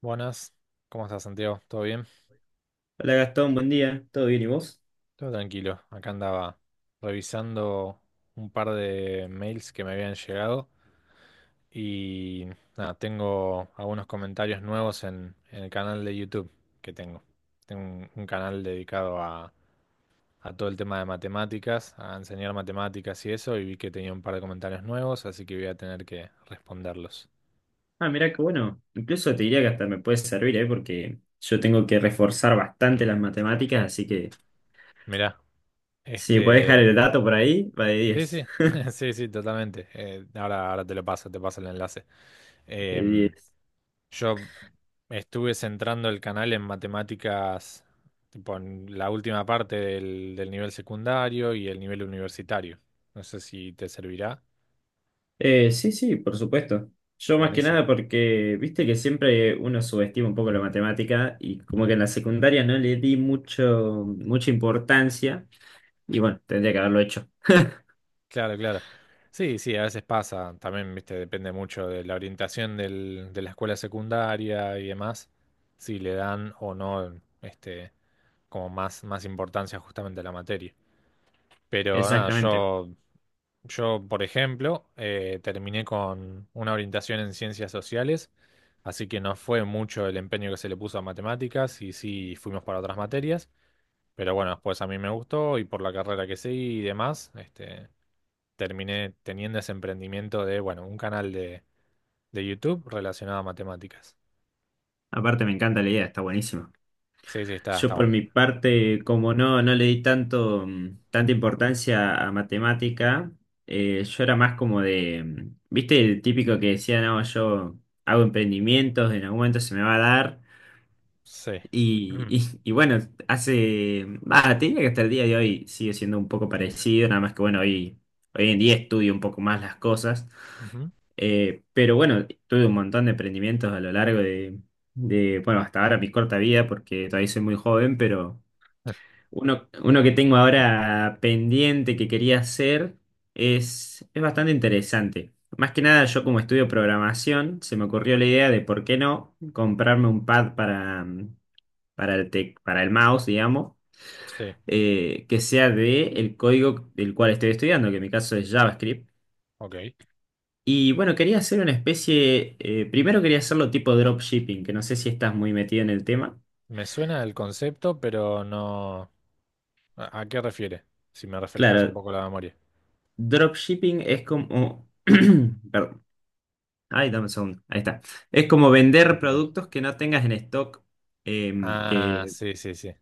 Buenas, ¿cómo estás, Santiago? ¿Todo bien? Hola Gastón, buen día. ¿Todo bien y vos? Todo tranquilo. Acá andaba revisando un par de mails que me habían llegado y nada, tengo algunos comentarios nuevos en el canal de YouTube que tengo. Tengo un canal dedicado a todo el tema de matemáticas, a enseñar matemáticas y eso, y vi que tenía un par de comentarios nuevos, así que voy a tener que responderlos. Ah, mirá que bueno. Incluso te diría que hasta me puede servir, ¿eh? Porque yo tengo que reforzar bastante las matemáticas, así que Mirá, si podés dejar este... el dato por ahí, va de Sí, diez. sí, sí, sí, totalmente. Ahora te lo paso, te paso el enlace. De Em, diez. yo estuve centrando el canal en matemáticas, tipo en la última parte del nivel secundario y el nivel universitario. No sé si te servirá. Sí, sí, por supuesto. Yo más que Buenísimo. nada porque, viste que siempre uno subestima un poco la matemática y como Mm, que en la secundaria no le di mucha importancia y bueno, tendría que haberlo hecho. claro, claro. Sí, sí, a veces pasa. También, viste, depende mucho de la orientación de la escuela secundaria y demás. Si le dan o no, este, como más, más importancia justamente a la materia. Pero nada, Exactamente. yo por ejemplo, terminé con una orientación en ciencias sociales, así que no fue mucho el empeño que se le puso a matemáticas y sí fuimos para otras materias, pero bueno, después a mí me gustó y por la carrera que seguí y demás, este, terminé teniendo ese emprendimiento de, bueno, un canal de YouTube relacionado a matemáticas. Aparte me encanta la idea, está buenísima. Sí, sí, está, Yo está por bueno. mi Mm. parte, como no le di tanto, tanta importancia a matemática, yo era más como de, viste, el típico que decía, no, yo hago emprendimientos, en algún momento se me va a dar. Sí. Y, Mm, y bueno, hace, te diría que hasta el día de hoy sigue siendo un poco parecido, nada más que bueno, hoy en día estudio un poco más las cosas. ujú. Pero bueno, tuve un montón de emprendimientos a lo largo de, bueno, hasta ahora mi corta vida, porque todavía soy muy joven, pero... Uno que tengo ahora pendiente que quería hacer es bastante interesante. Más que nada, yo como estudio programación, se me ocurrió la idea de por qué no comprarme un pad para, para para el mouse, digamos, Sí, que sea de el código del cual estoy estudiando, que en mi caso es JavaScript. ok. Y bueno, quería hacer una especie, primero quería hacerlo tipo dropshipping, que no sé si estás muy metido en el tema. Me suena el concepto, pero no. ¿A qué refiere? Si me refrescas un Claro, poco la memoria. dropshipping es como... perdón. Ay, dame un segundo. Ahí está. Es como vender Bastante tranqui. productos que no tengas en stock, Ah, o sí, sí, sí.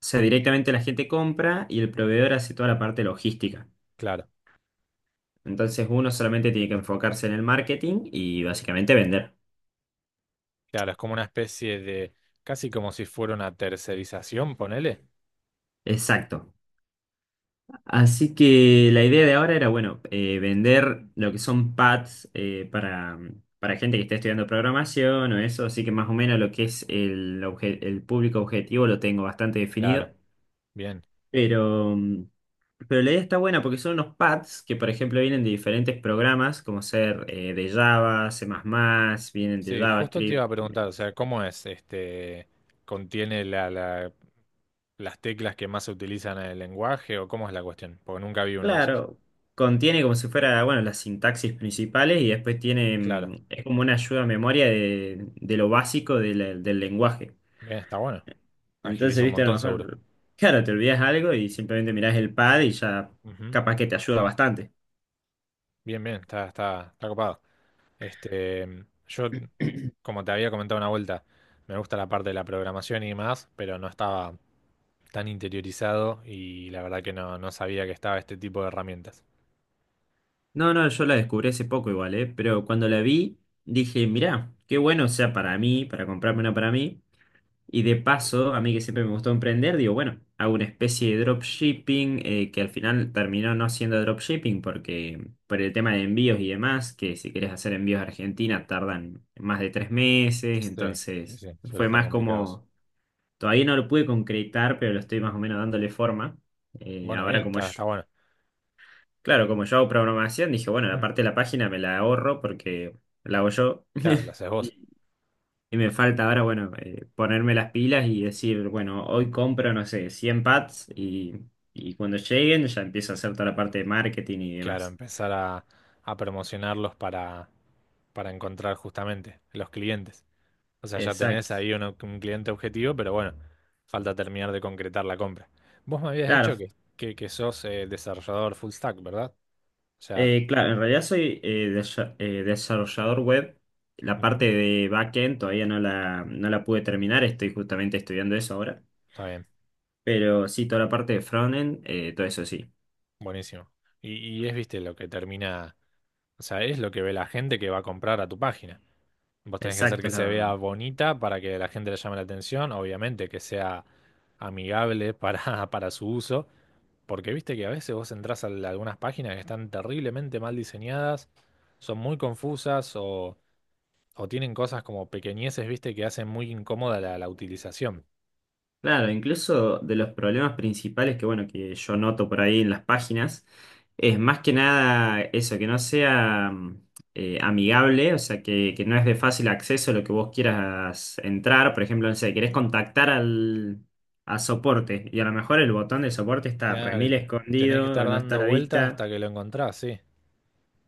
sea, directamente la gente compra y el proveedor hace toda la parte logística. Claro, Entonces uno solamente tiene que enfocarse en el marketing y básicamente vender. claro, es como una especie de, casi como si fuera una tercerización, ponele. Exacto. Así que la idea de ahora era, bueno, vender lo que son pads para gente que está estudiando programación o eso. Así que más o menos lo que es el público objetivo lo tengo bastante definido. Claro, bien. Pero pero la idea está buena porque son unos pads que, por ejemplo, vienen de diferentes programas, como ser de Java, C++, vienen de Sí, justo te iba JavaScript. a preguntar, o sea, ¿cómo es? Este, ¿contiene las teclas que más se utilizan en el lenguaje o cómo es la cuestión? Porque nunca vi uno de esos. Claro, contiene como si fuera, bueno, las sintaxis principales y después tiene, Claro, es como una ayuda a memoria de lo básico de del lenguaje. bien, está bueno. Agiliza Entonces, un viste, a lo montón, seguro. mejor, claro, te olvidas algo y simplemente mirás el pad y ya Ujú. capaz que te ayuda bastante. Bien, bien, está, está, está copado. Este, yo, como te había comentado una vuelta, me gusta la parte de la programación y más pero no estaba tan interiorizado y la verdad que no, no sabía que estaba este tipo de herramientas. No, no, yo la descubrí hace poco igual, ¿eh? Pero cuando la vi, dije, mirá, qué bueno, o sea, para mí, para comprarme una para mí. Y de paso, a mí que siempre me gustó emprender, digo, bueno, hago una especie de dropshipping que al final terminó no siendo dropshipping porque por el tema de envíos y demás, que si querés hacer envíos a Argentina tardan más de tres meses, Sí, sí, entonces sí, suele fue estar más complicado eso. como, todavía no lo pude concretar, pero lo estoy más o menos dándole forma. Eh, Bueno, ahora bien, como está, yo, está bueno. claro, como yo hago programación, dije, bueno, la parte de la página me la ahorro porque la hago yo. Claro, lo haces vos. Y me falta ahora, bueno, ponerme las pilas y decir, bueno, hoy compro, no sé, 100 pads y cuando lleguen ya empiezo a hacer toda la parte de marketing y Claro, demás. empezar a promocionarlos para encontrar justamente los clientes. O sea, ya tenés Exacto. ahí un cliente objetivo, pero bueno, falta terminar de concretar la compra. Vos me habías dicho Claro, que sos desarrollador full stack, ¿verdad? O sea, claro, en realidad soy desarrollador web. La parte ujú, de backend todavía no la, no la pude terminar, estoy justamente estudiando eso ahora. está bien, Pero sí, toda la parte de frontend, todo eso sí. buenísimo. Y es, viste, lo que termina, o sea, es lo que ve la gente que va a comprar a tu página. Vos tenés que hacer Exacto. que se vea bonita para que la gente le llame la atención, obviamente, que sea amigable para, para su uso, porque viste que a veces vos entrás a algunas páginas que están terriblemente mal diseñadas, son muy confusas o tienen cosas como pequeñeces, viste, que hacen muy incómoda la, la utilización. Claro, incluso de los problemas principales que, bueno, que yo noto por ahí en las páginas, es más que nada eso, que no sea amigable, o sea, que no es de fácil acceso lo que vos quieras entrar. Por ejemplo, no sé, querés contactar a soporte y a lo mejor el botón de soporte está Claro, remil tenés que escondido estar o no está a dando la vueltas vista. hasta que lo encontrás, sí,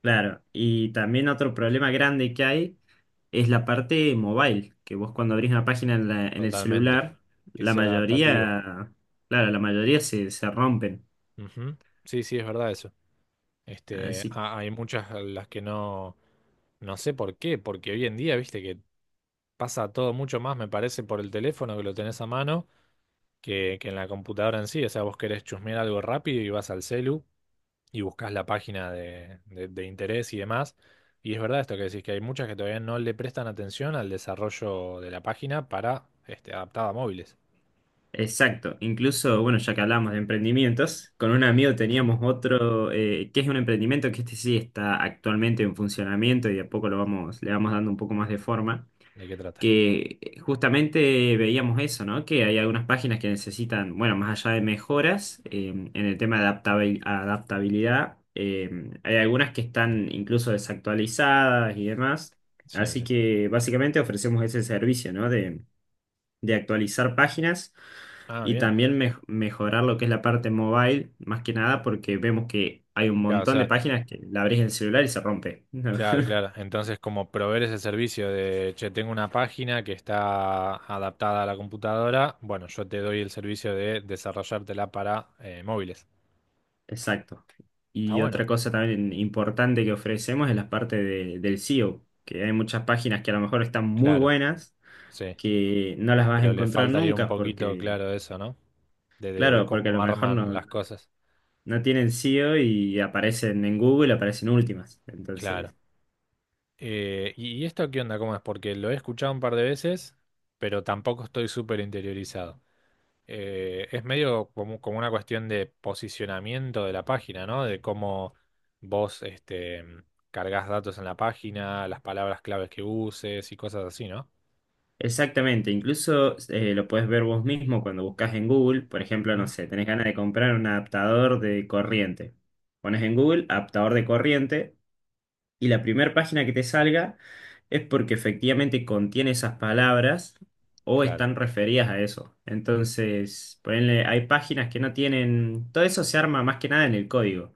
Claro, y también otro problema grande que hay es la parte mobile, que vos cuando abrís una página en el totalmente. celular, Que la sea adaptativo. mayoría, claro, la mayoría se rompen. Ujú. Sí, sí, es verdad eso. Este, Así, hay muchas a las que no, no sé por qué, porque hoy en día, viste, que pasa todo mucho más, me parece, por el teléfono que lo tenés a mano, que en la computadora en sí. O sea, vos querés chusmear algo rápido y vas al celu y buscas la página de interés y demás. Y es verdad esto que decís, que hay muchas que todavía no le prestan atención al desarrollo de la página para este, adaptada a móviles. exacto. Incluso, bueno, ya que hablamos de emprendimientos, con un amigo Ujú. teníamos otro, que es un emprendimiento que este sí está actualmente en funcionamiento y de a poco le vamos dando un poco más de forma. ¿De qué trata? Que justamente veíamos eso, ¿no? Que hay algunas páginas que necesitan, bueno, más allá de mejoras en el tema de adaptabilidad, hay algunas que están incluso desactualizadas y demás. Sí, Así sí. que básicamente ofrecemos ese servicio, ¿no? De actualizar páginas Ah, y bien. también mejorar lo que es la parte mobile, más que nada porque vemos que hay un Claro, o montón de sea, páginas que la abrís en el celular y se rompe. claro, claro. Entonces, como proveer ese servicio de, che, tengo una página que está adaptada a la computadora, bueno, yo te doy el servicio de desarrollártela para móviles. Exacto. Está Y bueno, otra cosa también importante que ofrecemos es la parte del SEO, que hay muchas páginas que a lo mejor están muy claro, buenas, sí. que no las vas a Pero le encontrar falta ahí un nunca poquito, porque, claro, eso, ¿no? De de claro, porque a cómo lo mejor arman las cosas. no tienen SEO y aparecen en Google, aparecen últimas. Claro. Entonces, ¿y esto qué onda? ¿Cómo es? Porque lo he escuchado un par de veces, pero tampoco estoy súper interiorizado. Es medio como, como una cuestión de posicionamiento de la página, ¿no? De cómo vos este, cargas datos en la página, las palabras claves que uses y cosas así, ¿no? exactamente, incluso lo puedes ver vos mismo cuando buscas en Google, por ejemplo, no Ujú. sé, tenés ganas de comprar un adaptador de corriente. Pones en Google adaptador de corriente y la primera página que te salga es porque efectivamente contiene esas palabras o Claro, están referidas a eso. Entonces, ponele, hay páginas que no tienen, todo eso se arma más que nada en el código.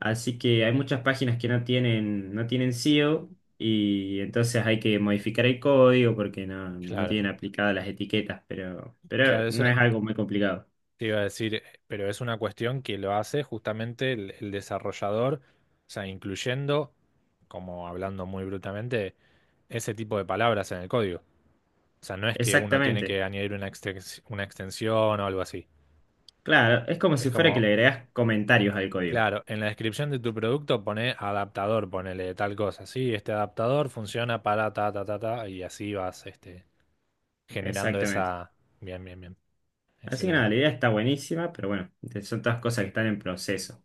Así que hay muchas páginas que no tienen SEO y entonces hay que modificar el código porque no claro. tienen aplicadas las etiquetas, pero Claro, eso. no es algo muy complicado. Te iba a decir, pero es una cuestión que lo hace justamente el desarrollador, o sea, incluyendo, como hablando muy brutamente, ese tipo de palabras en el código. O sea, no es que uno tiene Exactamente. que añadir una una extensión o algo así. Claro, es como si Es fuera que como, le agregas comentarios al código. claro, en la descripción de tu producto pone adaptador, ponele tal cosa. Sí, este adaptador funciona para ta, ta, ta, ta, y así vas, este, generando Exactamente. esa... Bien, bien, bien. Así que nada, Excelente. la idea está buenísima, pero bueno, son todas cosas que están en proceso.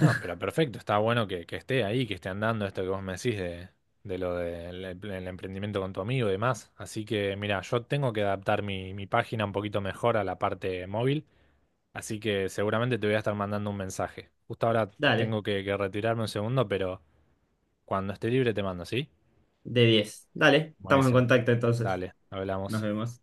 No, pero perfecto, está bueno que esté ahí, que esté andando esto que vos me decís de lo del emprendimiento con tu amigo y demás. Así que, mira, yo tengo que adaptar mi, mi página un poquito mejor a la parte móvil, así que seguramente te voy a estar mandando un mensaje. Justo ahora Dale, tengo que retirarme un segundo, pero cuando esté libre te mando, ¿sí? de 10, dale, estamos en Buenísimo. contacto entonces. Dale, Nos hablamos. vemos.